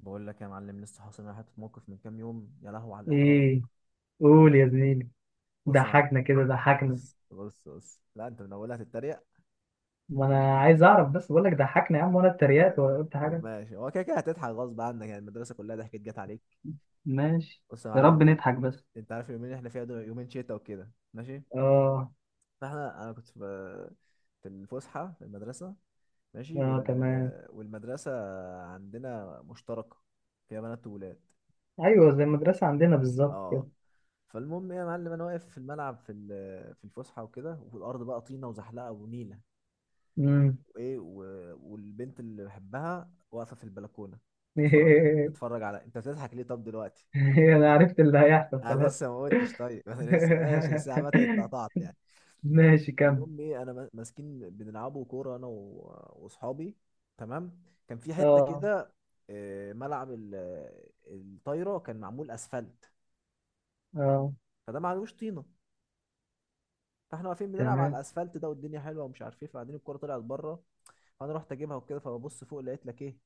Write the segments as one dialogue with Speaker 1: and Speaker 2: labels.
Speaker 1: بقول لك يا معلم، لسه حاصل معايا حته موقف من كام يوم، يا لهو على الاحراج.
Speaker 2: ايه، قول يا زميلي.
Speaker 1: بص يا معلم.
Speaker 2: ضحكنا كده ضحكنا.
Speaker 1: بص بص بص، لا انت من اولها هتتريق.
Speaker 2: ما انا عايز اعرف بس، بقول لك ضحكنا يا عم وانا اتريقت
Speaker 1: طيب.
Speaker 2: ولا قلت
Speaker 1: طب
Speaker 2: حاجه.
Speaker 1: ماشي، هو كده كده هتضحك غصب عنك يعني، المدرسه كلها ضحكت جت عليك.
Speaker 2: ماشي،
Speaker 1: بص يا
Speaker 2: يا
Speaker 1: معلم،
Speaker 2: رب
Speaker 1: انت
Speaker 2: نضحك بس.
Speaker 1: انت عارف اليومين اللي احنا فيها دول، يومين شتا وكده. ماشي،
Speaker 2: اه.
Speaker 1: انا كنت في الفسحه في المدرسه. ماشي
Speaker 2: اه تمام.
Speaker 1: والمدرسه عندنا مشتركه، فيها بنات وولاد.
Speaker 2: ايوه زي المدرسه عندنا بالظبط كده.
Speaker 1: اه. فالمهم ايه يا معلم، انا واقف في الملعب في الفسحه وكده، وفي الارض بقى طينه وزحلقه ونيله.
Speaker 2: امم.
Speaker 1: وايه، والبنت اللي بحبها واقفه في البلكونه، تتفرج على تتفرج على انت بتضحك ليه طب دلوقتي؟
Speaker 2: انا عرفت اللي هيحصل
Speaker 1: انا
Speaker 2: خلاص.
Speaker 1: لسه ما قلتش طيب. انا لسه ماشي بس، عامه انت قطعت يعني.
Speaker 2: ماشي كمل.
Speaker 1: المهم ايه، انا ماسكين بنلعبوا كوره انا واصحابي. تمام. كان في حته
Speaker 2: اه.
Speaker 1: كده، ملعب الطايره، كان معمول اسفلت.
Speaker 2: اه
Speaker 1: فده معلوش طينه. فاحنا واقفين بنلعب على
Speaker 2: تمام.
Speaker 1: الاسفلت ده، والدنيا حلوه ومش عارف ايه. فبعدين الكوره طلعت بره، فانا رحت اجيبها وكده. فببص فوق لقيت لك ايه،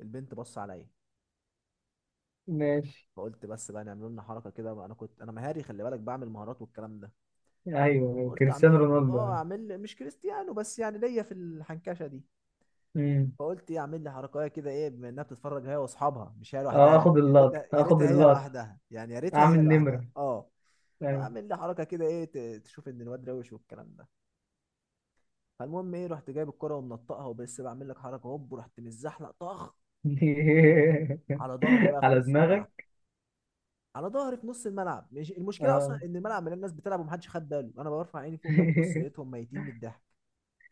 Speaker 1: البنت بص عليا.
Speaker 2: ماشي.
Speaker 1: فقلت بس بقى نعمل لنا حركه كده بقى. انا كنت مهاري، خلي بالك، بعمل مهارات والكلام ده.
Speaker 2: ايوه
Speaker 1: قلت
Speaker 2: كريستيانو
Speaker 1: اعمل،
Speaker 2: رونالدو يعني.
Speaker 1: اعمل، مش كريستيانو بس يعني، ليا في الحنكشه دي.
Speaker 2: امم.
Speaker 1: فقلت ايه، اعمل لي حركه كده ايه، بما انها بتتفرج هي واصحابها، مش هي
Speaker 2: اه
Speaker 1: لوحدها.
Speaker 2: اخد
Speaker 1: يا
Speaker 2: اللقطه
Speaker 1: ريتها
Speaker 2: اخد
Speaker 1: هي
Speaker 2: اللقطه،
Speaker 1: لوحدها يعني، يا ريتها
Speaker 2: اعمل
Speaker 1: هي لوحدها.
Speaker 2: نمره.
Speaker 1: اه.
Speaker 2: أيوة.
Speaker 1: اعمل لي حركه كده ايه، تشوف ان الواد روش والكلام ده. فالمهم ايه، رحت جايب الكرة ومنطقها، وبس بعمل لك حركة هوب، ورحت متزحلق طخ على ظهري بقى في
Speaker 2: على
Speaker 1: نص الملعب.
Speaker 2: دماغك.
Speaker 1: على ظهري في نص الملعب. مش المشكلة اصلا
Speaker 2: اه.
Speaker 1: ان الملعب مليان الناس بتلعب ومحدش خد باله. انا برفع عيني فوق بقى، ببص لقيتهم ميتين من الضحك.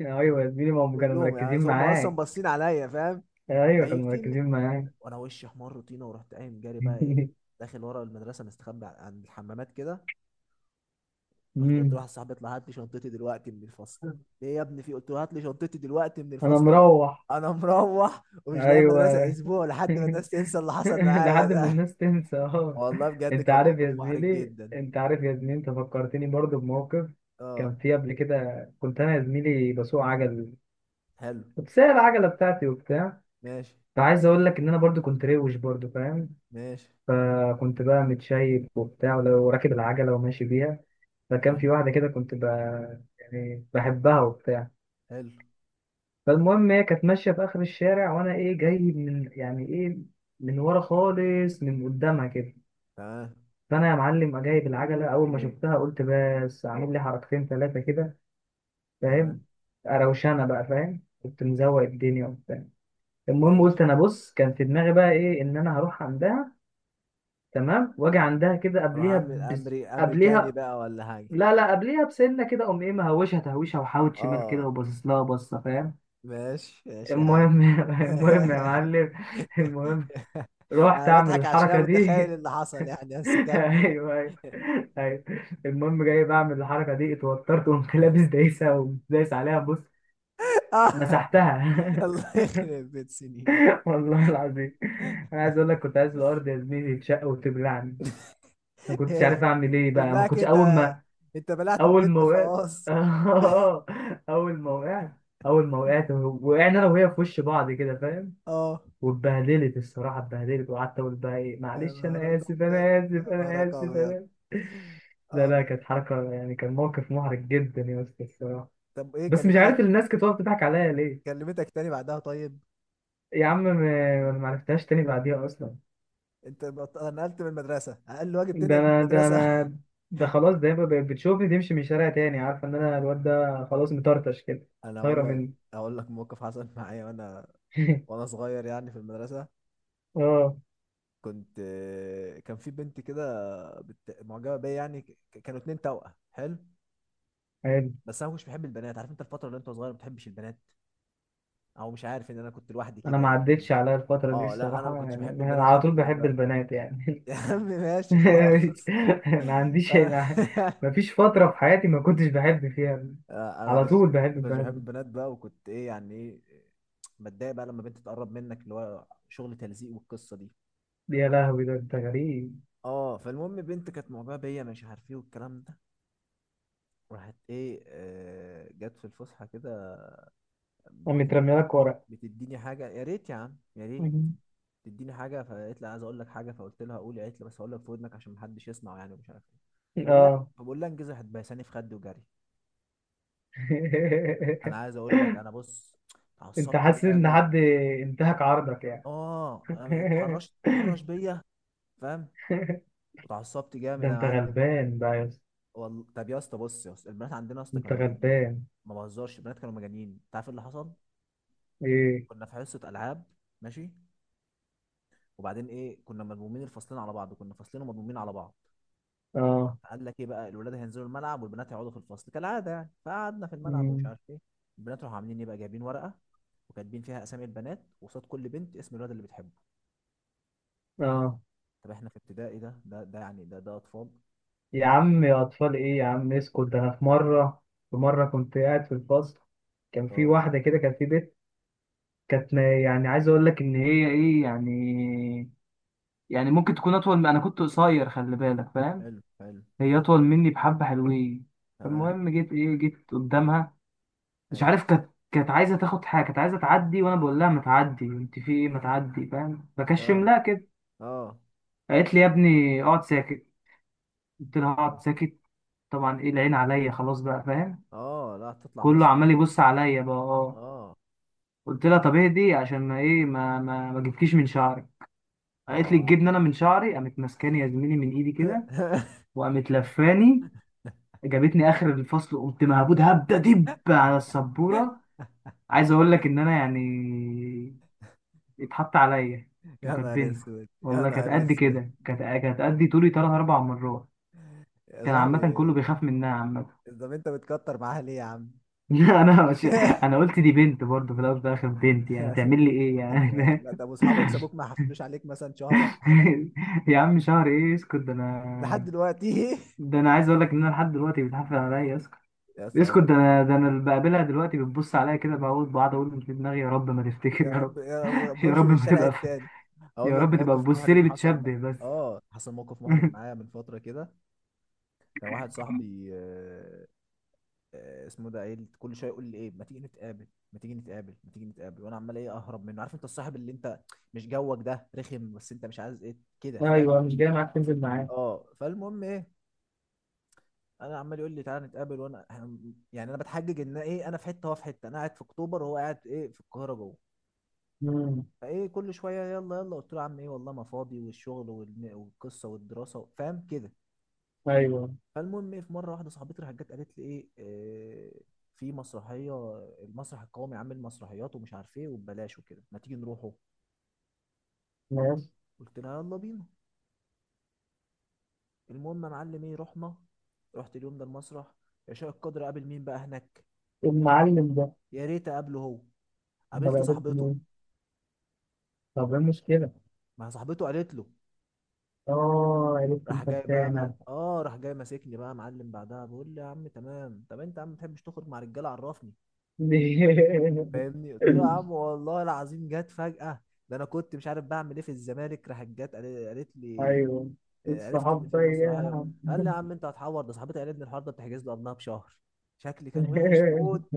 Speaker 2: ايوه يا زميلي، ما هم كانوا
Speaker 1: كلهم يعني،
Speaker 2: مركزين
Speaker 1: هم اصلا
Speaker 2: معاك.
Speaker 1: باصين عليا فاهم.
Speaker 2: ايوه كانوا
Speaker 1: ميتين من-
Speaker 2: مركزين معاك.
Speaker 1: وانا وشي احمر طينة، ورحت قايم جاري بقى ايه، داخل ورا المدرسة مستخبي عند الحمامات كده. رحت قلت
Speaker 2: أمم.
Speaker 1: لواحد صاحبي اطلع هات لي شنطتي دلوقتي من الفصل. ليه يا ابني، في قلت له هات لي شنطتي دلوقتي من
Speaker 2: انا
Speaker 1: الفصل. انا
Speaker 2: مروح.
Speaker 1: انا مروح ومش جاي المدرسه
Speaker 2: ايوه،
Speaker 1: اسبوع لحد ما الناس تنسى اللي حصل معايا
Speaker 2: لحد ما
Speaker 1: ده.
Speaker 2: الناس تنسى. اه.
Speaker 1: والله بجد،
Speaker 2: انت
Speaker 1: كان
Speaker 2: عارف يا
Speaker 1: موقف محرج
Speaker 2: زميلي
Speaker 1: جدا.
Speaker 2: انت عارف يا زميلي انت فكرتني برضو بموقف
Speaker 1: اه.
Speaker 2: كان فيه قبل كده. كنت انا يا زميلي بسوق عجل،
Speaker 1: حلو.
Speaker 2: كنت سايق العجله بتاعتي وبتاع.
Speaker 1: ماشي
Speaker 2: فعايز اقول لك ان انا برضو كنت روش برضو، فاهم؟
Speaker 1: ماشي.
Speaker 2: فكنت بقى متشيك وبتاع ولو راكب العجلة وماشي بيها. فكان في
Speaker 1: تمام.
Speaker 2: واحدة كده يعني بحبها وبتاع.
Speaker 1: حلو.
Speaker 2: فالمهم هي كانت ماشية في آخر الشارع وأنا إيه جاي من يعني إيه، من ورا خالص من قدامها كده.
Speaker 1: تمام
Speaker 2: فأنا يا معلم جايب العجلة، أول ما شفتها قلت بس أعمل لي حركتين ثلاثة كده،
Speaker 1: تمام.
Speaker 2: فاهم؟ أروشانة بقى، فاهم؟ كنت مزوق الدنيا وبتاع. المهم
Speaker 1: ماشي.
Speaker 2: قلت أنا، بص، كان في دماغي بقى إيه، إن أنا هروح عندها، تمام، وأجي عندها كده
Speaker 1: اروح
Speaker 2: قبليها.
Speaker 1: اعمل امري امريكاني
Speaker 2: قبليها.
Speaker 1: بقى ولا حاجه.
Speaker 2: لا لا، قبليها بسنة كده، قوم ايه، مهوشة تهويشة وحاوت شمال كده
Speaker 1: اه،
Speaker 2: وباصص لها بصة، فاهم؟
Speaker 1: ماشي ماشي يا عم.
Speaker 2: المهم المهم يا معلم، المهم رحت
Speaker 1: انا
Speaker 2: اعمل
Speaker 1: بضحك عشان انا
Speaker 2: الحركة
Speaker 1: متخيل
Speaker 2: دي.
Speaker 1: اللي حصل يعني، بس كمل.
Speaker 2: ايوه ايوه. ايوه. المهم جاي بعمل الحركة دي، اتوترت وقمت لابس دايسة ودايس عليها، بص، مسحتها.
Speaker 1: الله يخرب بيت سنين.
Speaker 2: والله العظيم انا عايز اقول لك كنت عايز الارض يا زميلي تشق وتبلعني. ما كنتش عارف اعمل ايه بقى. ما
Speaker 1: تبلعك
Speaker 2: كنتش
Speaker 1: انت؟
Speaker 2: اول ما
Speaker 1: انت بلعت
Speaker 2: اول
Speaker 1: البت
Speaker 2: ما وقعت.
Speaker 1: خلاص.
Speaker 2: اول ما وقعت، اول ما وقعت وقعنا انا وهي في وش بعض كده، فاهم؟
Speaker 1: اه.
Speaker 2: واتبهدلت الصراحه، اتبهدلت، وقعدت اقول بقى ايه،
Speaker 1: يا
Speaker 2: معلش انا
Speaker 1: نهارك
Speaker 2: اسف
Speaker 1: ابيض
Speaker 2: انا اسف
Speaker 1: يا
Speaker 2: انا
Speaker 1: نهارك
Speaker 2: اسف انا
Speaker 1: ابيض.
Speaker 2: آسف. لا
Speaker 1: اه،
Speaker 2: لا، كانت حركه يعني، كان موقف محرج جدا يا اسطى الصراحه.
Speaker 1: طب ايه
Speaker 2: بس مش عارف
Speaker 1: كلمتك؟
Speaker 2: الناس كانت واقفه تضحك عليا ليه.
Speaker 1: كلمتك تاني بعدها؟ طيب.
Speaker 2: يا عم ما انا ما عرفتهاش تاني بعديها اصلا.
Speaker 1: انت نقلت من المدرسه؟ اقل واجب تنقل
Speaker 2: ده
Speaker 1: من
Speaker 2: انا، ده
Speaker 1: المدرسه.
Speaker 2: انا، ده خلاص، ده بقى بقت بتشوفني تمشي من الشارع تاني، عارفه ان انا الواد ده خلاص مطرطش كده،
Speaker 1: انا
Speaker 2: طايره
Speaker 1: اقول لك،
Speaker 2: مني.
Speaker 1: موقف حصل معايا وانا، صغير يعني في المدرسه.
Speaker 2: اه.
Speaker 1: كنت كان في بنت كده، معجبه بيا يعني. كانوا اتنين توأم حلو. بس انا مش بحب البنات. عارف انت الفتره اللي انت صغير ما بتحبش البنات، او مش عارف، ان انا كنت لوحدي
Speaker 2: انا
Speaker 1: كده
Speaker 2: ما
Speaker 1: يعني.
Speaker 2: عدتش عليا الفتره دي
Speaker 1: اه، لا انا ما
Speaker 2: الصراحه،
Speaker 1: كنتش
Speaker 2: يعني
Speaker 1: بحب
Speaker 2: انا
Speaker 1: البنات
Speaker 2: على طول
Speaker 1: خالص
Speaker 2: بحب
Speaker 1: بقى.
Speaker 2: البنات يعني.
Speaker 1: يا عم ماشي خلاص.
Speaker 2: ما عنديش،
Speaker 1: انا
Speaker 2: ما فيش فتره في حياتي ما كنتش بحب فيها،
Speaker 1: انا
Speaker 2: على
Speaker 1: كنت
Speaker 2: طول بحب
Speaker 1: كنت
Speaker 2: البنات.
Speaker 1: بحب البنات بقى، وكنت ايه يعني ايه، بتضايق بقى لما بنت تقرب منك، اللي هو شغل تلزيق والقصه دي.
Speaker 2: يا لهوي ده انت غريب.
Speaker 1: اه. فالمهم، بنت كانت معجبه بيا، مش عارف ايه والكلام ده. راحت ايه، جت في الفسحه كده،
Speaker 2: أنا
Speaker 1: بت-
Speaker 2: مترمي لك ورق.
Speaker 1: بتديني حاجه يا ريت يا عم يا ريت تديني حاجه. فقالت لي عايز اقول لك حاجه. فقلت لها قولي. قالت لي بس هقول لك في ودنك عشان محدش يسمع يعني، ومش عارف ايه. فبقول لها
Speaker 2: اه.
Speaker 1: فبقول لها انجزي، هتبهساني في خدي وجري. انا عايز اقول لك انا، بص،
Speaker 2: انت
Speaker 1: اتعصبت
Speaker 2: حاسس ان
Speaker 1: جامد.
Speaker 2: حد انتهك عرضك يعني؟
Speaker 1: اه، أنا اتحرش بيا فاهم. اتعصبت
Speaker 2: ده
Speaker 1: جامد يا
Speaker 2: انت
Speaker 1: معلم.
Speaker 2: غلبان بقى يا اسطى،
Speaker 1: والله. طب يا اسطى، بص يا اسطى، البنات عندنا يا اسطى
Speaker 2: انت
Speaker 1: كانوا مجانين.
Speaker 2: غلبان.
Speaker 1: ما بهزرش، البنات كانوا مجانين. انت عارف إيه اللي حصل؟
Speaker 2: ايه؟
Speaker 1: كنا في حصه العاب. ماشي. وبعدين ايه، كنا مضمومين الفصلين على بعض، كنا فصلين ومضمومين على بعض.
Speaker 2: اه.
Speaker 1: قال لك ايه بقى، الولاد هينزلوا الملعب والبنات هيقعدوا في الفصل كالعاده يعني. فقعدنا في الملعب ومش
Speaker 2: أمم.
Speaker 1: عارف ايه. البنات راحوا عاملين ايه بقى، جايبين ورقه وكاتبين فيها اسامي البنات، وقصاد كل بنت اسم الولد اللي بتحبه.
Speaker 2: اه.
Speaker 1: طب احنا في ابتدائي، ده يعني، ده اطفال.
Speaker 2: يا عم، يا أطفال إيه يا عم، اسكت، ده أنا في مرة، في مرة كنت قاعد في الفصل، كان في
Speaker 1: اه.
Speaker 2: واحدة كده، كان في بنت، كانت ما- يعني عايز أقول لك إن هي إيه يعني، يعني ممكن تكون أطول، من أنا كنت قصير خلي بالك، فاهم؟
Speaker 1: حلو حلو.
Speaker 2: هي أطول مني بحبة حلوين.
Speaker 1: تمام.
Speaker 2: فالمهم جيت إيه، جيت قدامها، مش
Speaker 1: ايوه.
Speaker 2: عارف، كانت عايزة تاخد حاجة، كانت عايزة تعدي، وأنا بقول لها ما تعدي، أنت في إيه، ما تعدي، فاهم؟
Speaker 1: اه
Speaker 2: بكشم لها كده.
Speaker 1: اه
Speaker 2: قالت لي يا ابني اقعد ساكت. قلت لها
Speaker 1: اه.
Speaker 2: اقعد ساكت. طبعا إيه، العين عليا خلاص بقى، فاهم؟
Speaker 1: لا، تطلع
Speaker 2: كله
Speaker 1: مسرح
Speaker 2: عمال
Speaker 1: كده.
Speaker 2: يبص عليا بقى. اه.
Speaker 1: اه
Speaker 2: قلت لها طب اهدي عشان ما ايه، ما جبتكيش من شعري. قالت لي
Speaker 1: اه.
Speaker 2: تجيبني انا من شعري؟ قامت ماسكاني يا زميلي من ايدي كده وقامت لفاني، جابتني اخر الفصل، قمت مهبود هبده دب على السبوره. عايز اقول لك ان انا يعني اتحط عليا
Speaker 1: يا نهار
Speaker 2: وكاتبني.
Speaker 1: اسود يا
Speaker 2: والله كانت
Speaker 1: نهار
Speaker 2: قد كده،
Speaker 1: اسود.
Speaker 2: كانت قد طولي ثلاث اربع مرات.
Speaker 1: يا
Speaker 2: كان عامه كله
Speaker 1: صاحبي.
Speaker 2: بيخاف منها عامه.
Speaker 1: طب انت بتكتر معاها ليه يا عم؟
Speaker 2: انا مش... انا قلت دي بنت، برضه في الاول وفي الاخر بنت، يعني هتعمل لي ايه
Speaker 1: انت.
Speaker 2: يعني؟
Speaker 1: لا، طب واصحابك سابوك ما حفلوش عليك مثلا شهر ولا حاجه؟
Speaker 2: يا عم شهر ايه، اسكت، ده
Speaker 1: لحد
Speaker 2: انا،
Speaker 1: دلوقتي.
Speaker 2: ده انا عايز اقول لك ان انا لحد دلوقتي بتحفل عليا، اسكت.
Speaker 1: يا اسطى
Speaker 2: اسكت،
Speaker 1: اقول لك.
Speaker 2: ده انا، ده انا اللي بقابلها دلوقتي بتبص عليا كده، بقعد بقعد اقول في دماغي يا رب ما تفتكر،
Speaker 1: يا
Speaker 2: يا
Speaker 1: رب
Speaker 2: رب.
Speaker 1: يا رب
Speaker 2: يا
Speaker 1: بمشي
Speaker 2: رب
Speaker 1: من
Speaker 2: ما
Speaker 1: الشارع
Speaker 2: تبقى ف...
Speaker 1: التاني. اقول
Speaker 2: يا
Speaker 1: لك
Speaker 2: رب تبقى
Speaker 1: موقف
Speaker 2: بتبص لي
Speaker 1: محرج حصل م-
Speaker 2: بتشبه بس.
Speaker 1: اه حصل موقف محرج معايا من فتره كده. كان واحد صاحبي، اسمه ده، قايل كل شويه يقول لي ايه، ما تيجي نتقابل، ما تيجي نتقابل، ما تيجي نتقابل. وانا عمال ايه اهرب منه. عارف انت الصاحب اللي انت مش جوك ده، رخم بس انت مش عايز، ايه كده فاهم.
Speaker 2: ايوه مش جاي معاك تنزل معاه.
Speaker 1: اه، فالمهم ايه، انا عمال يقول لي تعالى نتقابل، وانا يعني انا بتحجج ان ايه، انا في حته وهو في حته، انا قاعد في اكتوبر وهو قاعد ايه في القاهره جوه.
Speaker 2: امم.
Speaker 1: فايه كل شويه يلا يلا. قلت له يا عم ايه، والله ما فاضي، والشغل والقصه والدراسه، فاهم كده.
Speaker 2: ايوه.
Speaker 1: فالمهم ايه، في مره واحده صاحبتي راحت جت قالت لي ايه، في مسرحيه، المسرح القومي عامل مسرحيات ومش عارف ايه وببلاش وكده، ما تيجي نروحه.
Speaker 2: ماشي.
Speaker 1: قلت لها يلا بينا. المهم يا معلم ايه، رحنا، رحت اليوم ده المسرح. عشاء القدر قابل مين بقى هناك؟
Speaker 2: المعلم ده،
Speaker 1: يا ريت اقابله هو،
Speaker 2: انا
Speaker 1: قابلت
Speaker 2: بقابلت
Speaker 1: صاحبته.
Speaker 2: مين؟ طب ايه المشكله؟
Speaker 1: ما صاحبته قالت له.
Speaker 2: اه عرفت
Speaker 1: راح جاي بقى، ما
Speaker 2: الفتانه.
Speaker 1: اه راح جاي ماسكني بقى يا معلم. بعدها بقول لي يا عم تمام، طب انت يا عم ما بتحبش تخرج مع رجاله، عرفني فاهمني. قلت له يا عم والله العظيم جت فجأة. ده انا كنت مش عارف بعمل ايه في الزمالك. راحت جت قالت لي،
Speaker 2: ايوه
Speaker 1: عرفت ان
Speaker 2: الصحاب
Speaker 1: في
Speaker 2: ده يا
Speaker 1: مسرحيه.
Speaker 2: عم.
Speaker 1: قال لي يا عم انت هتحور؟ ده صاحبتي قالت لي الحوار ده بتحجز له قبلها بشهر. شكلي كان وحش
Speaker 2: ايوه
Speaker 1: موت.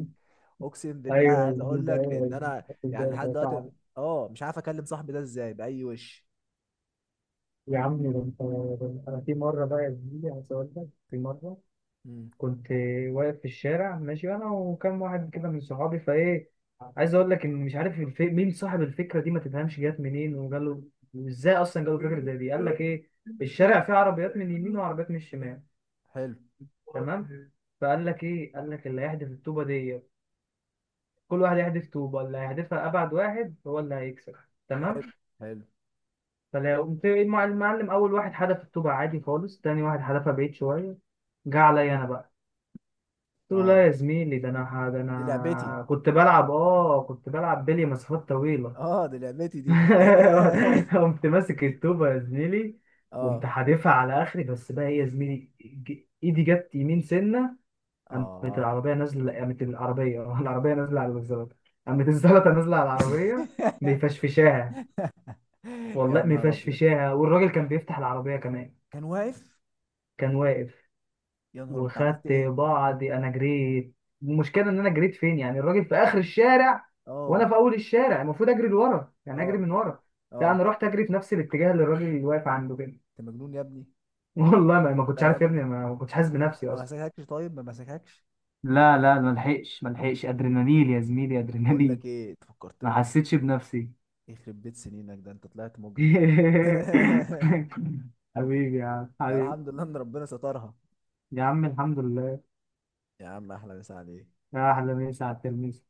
Speaker 1: اقسم
Speaker 2: يا
Speaker 1: بالله عايز اقول
Speaker 2: زميلي،
Speaker 1: لك
Speaker 2: ايوه يا
Speaker 1: ان
Speaker 2: زميلي
Speaker 1: انا
Speaker 2: خدت
Speaker 1: يعني
Speaker 2: بالي
Speaker 1: لحد
Speaker 2: ده
Speaker 1: دلوقتي،
Speaker 2: صعب.
Speaker 1: اه، مش عارف اكلم صاحبي ده ازاي، باي وش.
Speaker 2: يا عمي ده انت، ده انا في مره بقى يا زميلي، عايز اقول لك في مره
Speaker 1: امم
Speaker 2: كنت واقف في الشارع ماشي انا وكم واحد كده من صحابي، فايه، عايز اقول لك ان مش عارف مين صاحب الفكره دي، ما تفهمش جت منين وجاله، وازاي اصلا جاله فكره زي دي. قال لك ايه، الشارع فيه عربيات من اليمين وعربيات من الشمال،
Speaker 1: حلو.
Speaker 2: تمام؟ فقال لك ايه، قال لك اللي هيحدف الطوبه ديت، كل واحد يحدف طوبه، اللي هيحدفها ابعد واحد هو اللي هيكسب. تمام.
Speaker 1: حلو حلو.
Speaker 2: فقمت المعلم، أول واحد حدف الطوبة عادي خالص، تاني واحد حدفها بعيد شوية، جه عليا أنا بقى. قلت له لا
Speaker 1: اه،
Speaker 2: يا زميلي، ده
Speaker 1: دي لعبتي.
Speaker 2: أنا كنت بلعب بلي مسافات طويلة.
Speaker 1: اه، دي لعبتي دي.
Speaker 2: قمت ماسك الطوبة يا زميلي، وقمت
Speaker 1: اه
Speaker 2: حادفها على آخري، بس بقى إيه يا زميلي، إيدي جت يمين سنة.
Speaker 1: اه.
Speaker 2: قامت العربية، آه، العربية نازلة على الزلطة، قامت الزلطة نازلة على العربية، مفشفشاها.
Speaker 1: يا
Speaker 2: والله
Speaker 1: نهار ابيض.
Speaker 2: مفشفشاها، والراجل كان بيفتح العربية كمان،
Speaker 1: كان واقف.
Speaker 2: كان واقف.
Speaker 1: يا نهار انت عملت
Speaker 2: وخدت
Speaker 1: ايه؟
Speaker 2: بعضي انا جريت. المشكله ان انا جريت فين يعني، الراجل في اخر الشارع وانا
Speaker 1: اه
Speaker 2: في اول الشارع، المفروض اجري لورا يعني، اجري
Speaker 1: اه
Speaker 2: من ورا، لا انا
Speaker 1: اه.
Speaker 2: رحت اجري في نفس الاتجاه اللي الراجل اللي واقف عنده كده.
Speaker 1: انت مجنون يا ابني.
Speaker 2: والله ما كنتش
Speaker 1: لا، ما
Speaker 2: عارف يا
Speaker 1: ما
Speaker 2: ابني، ما كنتش حاسس بنفسي
Speaker 1: ما
Speaker 2: اصلا.
Speaker 1: مسكهكش؟ طيب، ما مسكهكش.
Speaker 2: لا لا، ما لحقش، ادرينالين يا زميلي،
Speaker 1: بقول
Speaker 2: ادرينالين،
Speaker 1: لك ايه، أنت
Speaker 2: ما
Speaker 1: فكرتني.
Speaker 2: حسيتش بنفسي.
Speaker 1: يخرب بيت سنينك، ده انت طلعت مجرم.
Speaker 2: حبيبي يا عم
Speaker 1: لا،
Speaker 2: حبيبي.
Speaker 1: الحمد لله ان ربنا سترها.
Speaker 2: يا عم الحمد لله.
Speaker 1: يا عم احلى مسا عليك.
Speaker 2: يا احلى مسا على التلميذ.